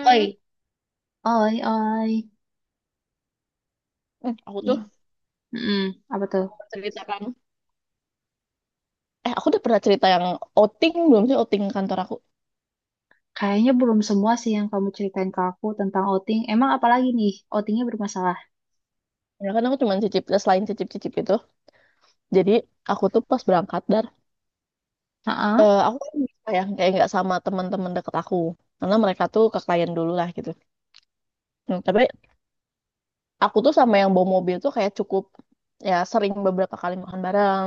Oi, oi, oi. hmm. Aku Ih, tuh mm-mm. Apa tuh? cerita kan. Eh, aku udah pernah cerita yang outing belum sih, outing kantor aku. Kayaknya belum semua sih yang kamu ceritain ke aku tentang outing. Emang apalagi nih? Outingnya bermasalah. Ya kan aku cuma cicip, eh, selain cicip-cicip itu. Jadi aku tuh pas berangkat, Heeh. Aku kan bisa ya kayak nggak sama teman-teman deket aku. Karena mereka tuh ke klien dulu lah gitu. Hmm, tapi aku tuh sama yang bawa mobil tuh kayak cukup, ya sering beberapa kali makan bareng.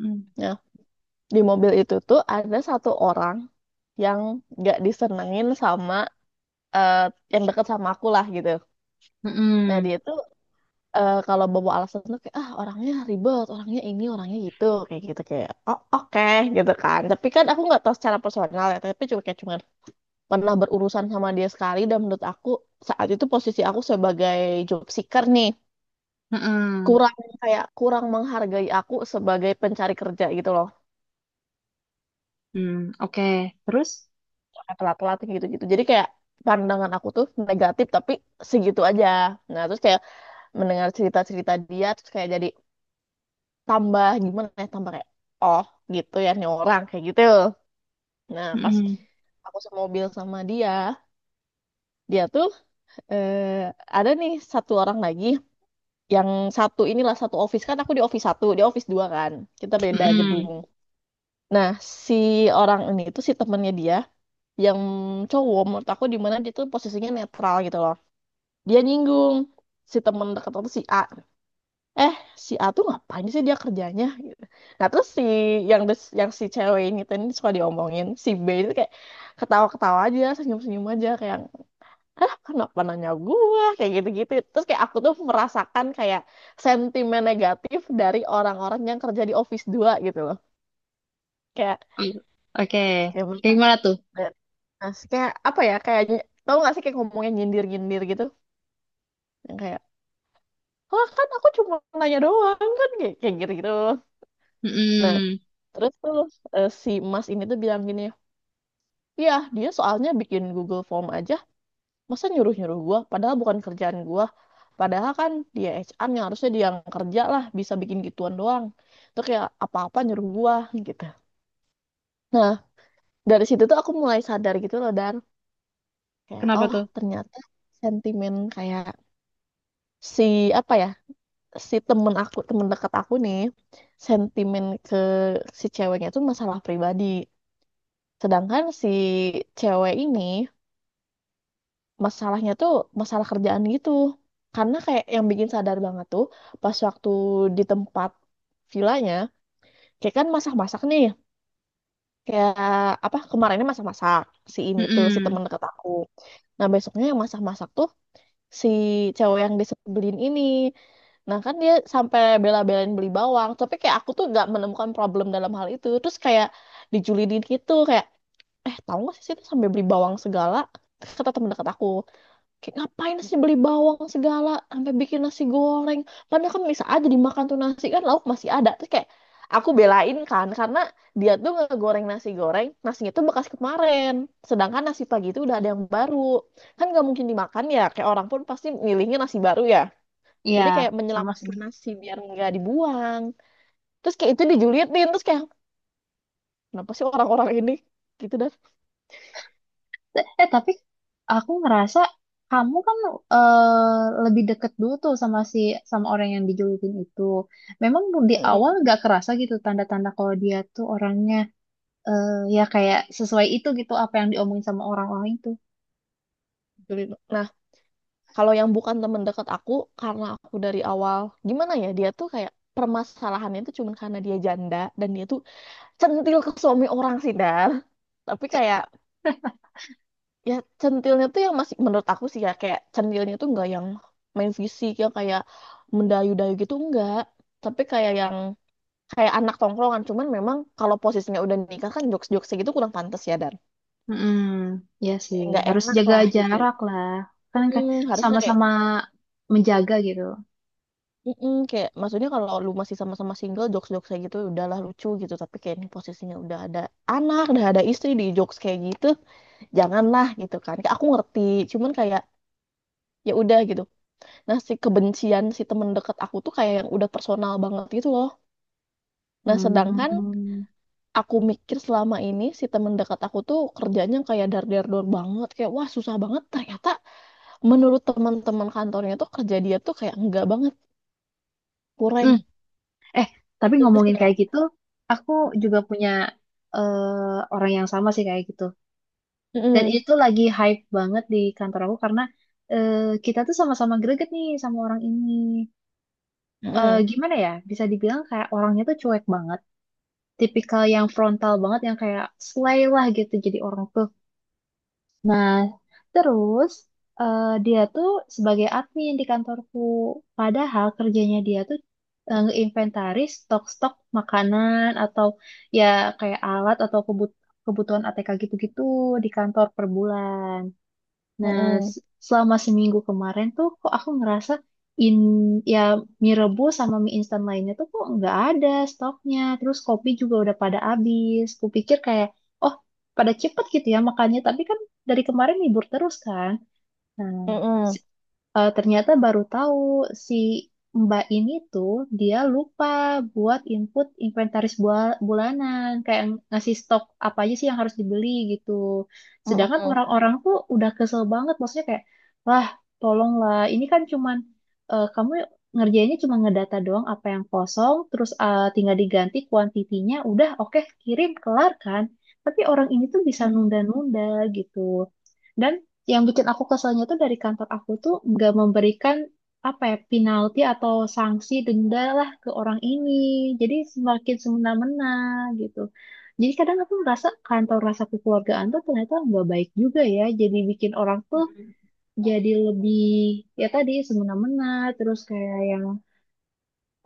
Mm-mm. Ya, di mobil itu tuh ada satu orang yang nggak disenengin sama, eh, yang deket sama aku lah gitu. Nah Mm-mm. dia itu, kalau bawa alasan tuh kayak ah orangnya ribet, orangnya ini, orangnya gitu kayak oh oke gitu kan. Tapi kan aku nggak tahu secara personal ya, tapi cuma kayak cuman pernah berurusan sama dia sekali, dan menurut aku saat itu posisi aku sebagai job seeker nih Mm-mm. kurang, kayak kurang menghargai aku sebagai pencari kerja gitu loh. Mm, oke. Terus? Kayak telat-telat gitu-gitu. Jadi kayak pandangan aku tuh negatif, tapi segitu aja. Nah, terus kayak mendengar cerita-cerita dia, terus kayak jadi tambah gimana ya, tambah kayak oh gitu ya nih orang kayak gitu. Nah pas Mm-mm. aku semobil sama dia dia tuh, eh, ada nih satu orang lagi yang satu inilah, satu office kan, aku di office satu, dia office dua kan, kita beda gedung. Mm-mm. Nah si orang ini tuh si temennya dia, yang cowok, menurut aku di mana dia tuh posisinya netral gitu loh. Dia nyinggung si temen dekat aku si A, eh si A tuh ngapain sih dia kerjanya gitu. Nah terus si yang si cewek ini tuh ini suka diomongin si B itu kayak ketawa-ketawa aja, senyum-senyum aja, kayak ah kenapa nanya gua, kayak gitu-gitu. Terus kayak aku tuh merasakan kayak sentimen negatif dari orang-orang yang kerja di office 2 gitu loh, kayak Mm, oke. kayak Kayak mereka. gimana tuh? Nah, kayak apa ya, kayak tau gak sih kayak ngomongnya nyindir-nyindir gitu, yang kayak oh kan aku cuma nanya doang kan, kayak kayak gitu-gitu. Nah, Mm-mm. terus tuh, si Mas ini tuh bilang gini, ya dia soalnya bikin Google Form aja, masa nyuruh-nyuruh gua, padahal bukan kerjaan gua. Padahal kan dia HR yang harusnya dia yang kerja lah, bisa bikin gituan doang. Itu kayak apa-apa nyuruh gua gitu. Nah, dari situ tuh aku mulai sadar gitu loh, dan kayak Kenapa oh tuh? ternyata sentimen kayak si apa ya, si temen aku, temen dekat aku nih, sentimen ke si ceweknya tuh masalah pribadi. Sedangkan si cewek ini masalahnya tuh masalah kerjaan gitu, karena kayak yang bikin sadar banget tuh pas waktu di tempat villanya, kayak kan masak-masak nih, kayak apa kemarinnya masak-masak si ini tuh si Mm-mm. temen deket aku, nah besoknya yang masak-masak tuh si cewek yang disebelin ini. Nah kan dia sampai bela-belain beli bawang, tapi kayak aku tuh gak menemukan problem dalam hal itu. Terus kayak dijulidin gitu, kayak eh tahu gak sih itu sampai beli bawang segala, kata temen dekat aku. Kayak ngapain sih beli bawang segala sampai bikin nasi goreng. Padahal kan bisa aja dimakan tuh nasi kan, lauk masih ada. Terus kayak aku belain kan karena dia tuh ngegoreng nasi goreng, nasinya tuh bekas kemarin. Sedangkan nasi pagi itu udah ada yang baru. Kan nggak mungkin dimakan ya, kayak orang pun pasti milihnya nasi baru ya. Iya, Jadi kayak sama sih. menyelamatkan nasi biar nggak dibuang. Terus kayak itu dijulitin, terus kayak kenapa sih orang-orang ini gitu dah. Tapi aku ngerasa kamu kan lebih deket dulu tuh sama sama orang yang dijulukin itu. Memang di awal Mm-mm, nggak kerasa gitu tanda-tanda kalau dia tuh orangnya ya kayak sesuai itu gitu apa yang diomongin sama orang-orang itu. julid. Nah, kalau yang bukan temen deket aku, karena aku dari awal, gimana ya, dia tuh kayak permasalahannya itu cuma karena dia janda dan dia tuh centil ke suami orang sih, Dar. Tapi kayak ya centilnya tuh yang masih menurut aku sih ya kayak centilnya tuh nggak yang main fisik, yang kayak mendayu-dayu gitu enggak. Tapi kayak yang kayak anak tongkrongan, cuman memang kalau posisinya udah nikah kan jokes-jokes gitu kurang pantas ya, dan Hmm, ya sih kayak nggak harus enak jaga lah gitu. jarak lah. Kan kan Mm, harusnya kayak sama-sama menjaga gitu. mm-mm, kayak maksudnya kalau lu masih sama-sama single jokes-jokes kayak gitu udahlah lucu gitu, tapi kayak ini posisinya udah ada anak, udah ada istri, di jokes kayak gitu janganlah gitu kan, kayak aku ngerti cuman kayak ya udah gitu. Nah si kebencian si temen deket aku tuh kayak yang udah personal banget gitu loh. Nah sedangkan Hmm. aku mikir selama ini si temen dekat aku tuh kerjanya kayak dar dar dor banget, kayak wah susah banget, ternyata menurut teman-teman kantornya tuh kerja dia tuh kayak enggak banget, kurang, Hmm. Eh, tapi terus ngomongin kayak kayak gitu, aku juga punya orang yang sama sih kayak gitu. Dan mm-mm. itu lagi hype banget di kantor aku karena eh, kita tuh sama-sama greget nih sama orang ini. Eh, Mm-mm. gimana ya? Bisa dibilang kayak orangnya tuh cuek banget. Tipikal yang frontal banget yang kayak slay lah gitu jadi orang tuh. Nah, terus dia tuh sebagai admin di kantorku. Padahal kerjanya dia tuh ngeinventaris stok-stok makanan atau ya kayak alat atau kebutuhan ATK gitu-gitu di kantor per bulan. Nah, Mm-mm. s- selama seminggu kemarin tuh kok aku ngerasa in ya mie rebus sama mie instan lainnya tuh kok nggak ada stoknya. Terus kopi juga udah pada habis. Kupikir kayak, oh pada cepet gitu ya makannya. Tapi kan dari kemarin libur terus kan. Nah, si Mm-mm. Ternyata baru tahu si Mbak ini tuh dia lupa buat input inventaris bulanan, kayak ngasih stok apa aja sih yang harus dibeli gitu. Sedangkan Mm-mm. orang-orang tuh udah kesel banget, maksudnya kayak, lah tolonglah, ini kan cuman kamu ngerjainnya cuma ngedata doang apa yang kosong, terus tinggal diganti kuantitinya, udah oke kirim kelar kan. Tapi orang ini tuh bisa Mhm. nunda-nunda gitu. Dan yang bikin aku keselnya tuh dari kantor aku tuh nggak memberikan apa ya penalti atau sanksi denda lah ke orang ini, jadi semakin semena-mena gitu. Jadi kadang aku merasa kantor rasa kekeluargaan tuh ternyata nggak baik juga ya, jadi bikin orang tuh Mhm. jadi lebih, ya tadi, semena-mena. Terus kayak yang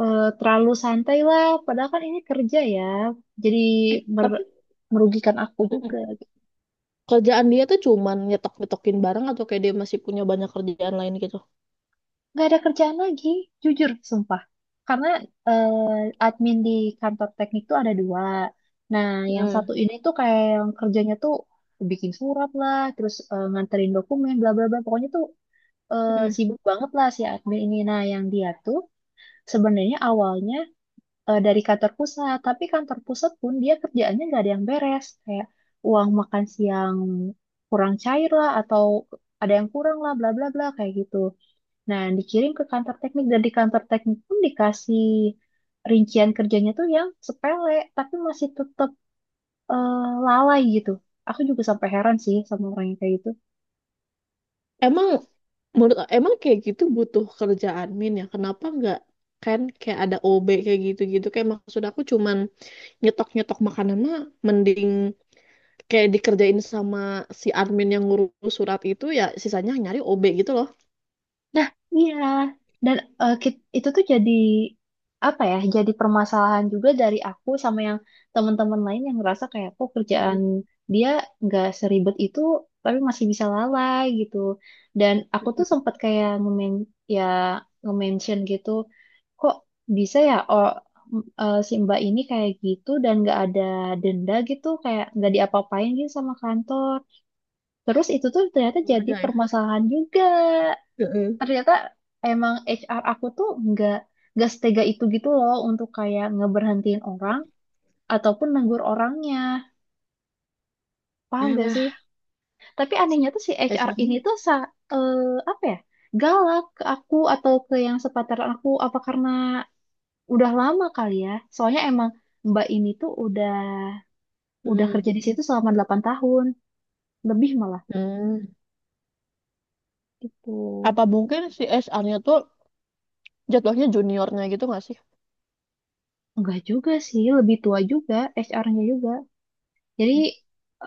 terlalu santai lah, padahal kan ini kerja ya, jadi Tapi mer- merugikan aku juga. mhm. Kerjaan dia tuh cuman nyetok-nyetokin barang atau kayak dia masih punya banyak kerjaan lain gitu? Nggak ada kerjaan lagi, jujur, sumpah. Karena admin di kantor teknik tuh ada dua. Nah, yang satu Mhm. ini tuh kayak yang kerjanya tuh bikin surat lah, terus nganterin dokumen, bla bla bla. Pokoknya tuh Mhm. sibuk banget lah si admin ini. Nah, yang dia tuh sebenarnya awalnya dari kantor pusat, tapi kantor pusat pun dia kerjaannya nggak ada yang beres. Kayak uang makan siang kurang cair lah, atau ada yang kurang lah, bla bla bla kayak gitu. Nah, dikirim ke kantor teknik dan di kantor teknik pun dikasih rincian kerjanya tuh yang sepele, tapi masih tetap lalai gitu. Aku juga sampai heran sih sama orang yang kayak gitu. Emang menurut, emang kayak gitu butuh kerjaan min ya? Kenapa nggak, kan kayak ada OB kayak gitu-gitu? Kayak maksud aku cuman nyetok-nyetok makanan mah mending kayak dikerjain sama si admin yang ngurus surat itu, ya sisanya nyari OB gitu loh. Nah, iya. Dan itu tuh jadi apa ya? Jadi permasalahan juga dari aku sama yang teman-teman lain yang ngerasa kayak kok Mhm. kerjaan dia nggak seribet itu, tapi masih bisa lalai gitu. Dan aku tuh sempat kayak ya nge-mention gitu, kok bisa ya, oh, si Mbak ini kayak gitu dan nggak ada denda gitu kayak nggak diapa-apain gitu sama kantor. Terus itu tuh ternyata jadi Keluarga ya. permasalahan juga. Mhm. Ternyata emang HR aku tuh nggak setega itu gitu loh untuk kayak ngeberhentiin orang ataupun negur orangnya, paham Nah gak lah, sih. Tapi anehnya tuh si HR ini dasarnya. tuh eh, apa ya, galak ke aku atau ke yang sepantaran aku. Apa karena udah lama kali ya. Soalnya emang Mbak ini tuh udah kerja di situ selama 8 tahun, lebih malah Hmm. gitu. Apa mungkin si SR-nya tuh jatuhnya juniornya gitu nggak sih? Enggak juga sih, lebih tua juga HR-nya juga. Jadi Hmm.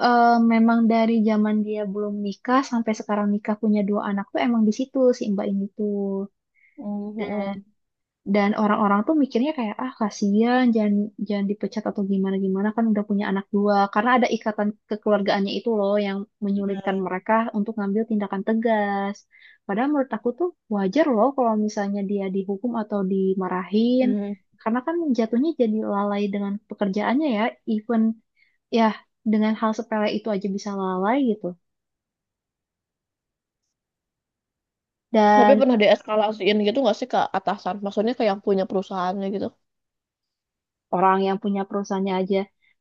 eh, memang dari zaman dia belum nikah sampai sekarang nikah punya dua anak tuh emang di situ si Mbak ini tuh. Hmm. Dan orang-orang tuh mikirnya kayak ah kasihan jangan jangan dipecat atau gimana gimana kan udah punya anak dua karena ada ikatan kekeluargaannya itu loh yang menyulitkan Mm. mereka untuk ngambil tindakan tegas. Padahal menurut aku tuh wajar loh kalau misalnya dia dihukum atau dimarahin Hmm. karena kan jatuhnya jadi lalai dengan pekerjaannya ya, even ya dengan hal sepele itu aja bisa lalai gitu. Tapi Dan pernah deeskalasiin gitu nggak sih ke atasan? Maksudnya ke yang punya perusahaannya gitu? orang yang punya perusahaannya aja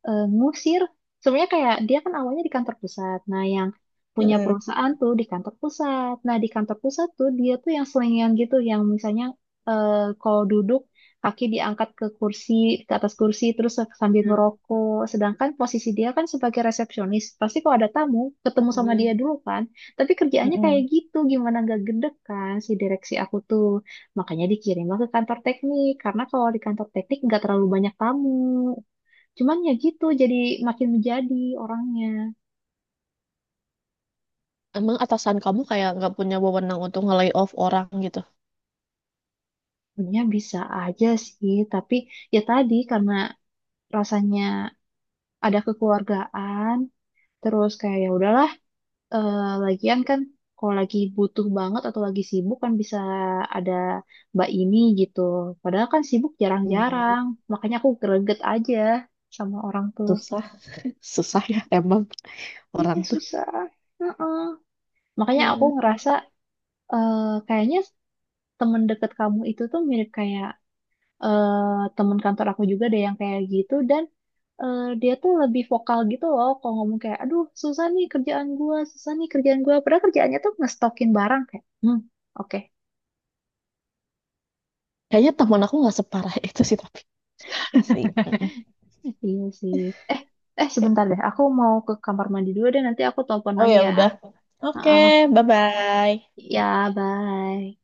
ngusir. Sebenarnya kayak dia kan awalnya di kantor pusat. Nah, yang punya Mm-mm. perusahaan tuh di kantor pusat. Nah, di kantor pusat tuh dia tuh yang selingan gitu, yang misalnya eh, kalau duduk kaki diangkat ke kursi, ke atas kursi, terus sambil Hmm. ngerokok. Sedangkan posisi dia kan sebagai resepsionis, pasti kalau ada tamu ketemu sama Hmm. dia dulu kan. Tapi kerjaannya kayak Mm-mm. gitu, gimana nggak gede kan si direksi aku tuh. Makanya dikirimlah ke kantor teknik, karena kalau di kantor teknik nggak terlalu banyak tamu. Cuman ya gitu, jadi makin menjadi orangnya. Emang atasan kamu kayak nggak punya wewenang untuk nge off orang gitu? Sebenarnya bisa aja sih, tapi ya tadi karena rasanya ada kekeluargaan, terus kayak ya udahlah, lagian kan kalau lagi butuh banget atau lagi sibuk kan bisa ada mbak ini gitu. Padahal kan sibuk Hmm, jarang-jarang, makanya aku greget aja sama orang tuh. susah, susah ya emang orang Iya tuh. susah. Heeh. Makanya aku Hmm. ngerasa eh, kayaknya temen deket kamu itu tuh mirip kayak temen kantor aku juga deh yang kayak gitu dan dia tuh lebih vokal gitu loh kalau ngomong kayak aduh susah nih kerjaan gua, susah nih kerjaan gua. Padahal kerjaannya tuh ngestokin barang kayak oke. Kayaknya teman aku nggak separah itu sih, tapi ya sih. Mm-mm. Iya sih. Eh eh Oke. sebentar deh aku mau ke kamar mandi dulu deh, nanti aku telepon Oh lagi ya ya. udah. Oke, Heeh. bye-bye. Ya bye.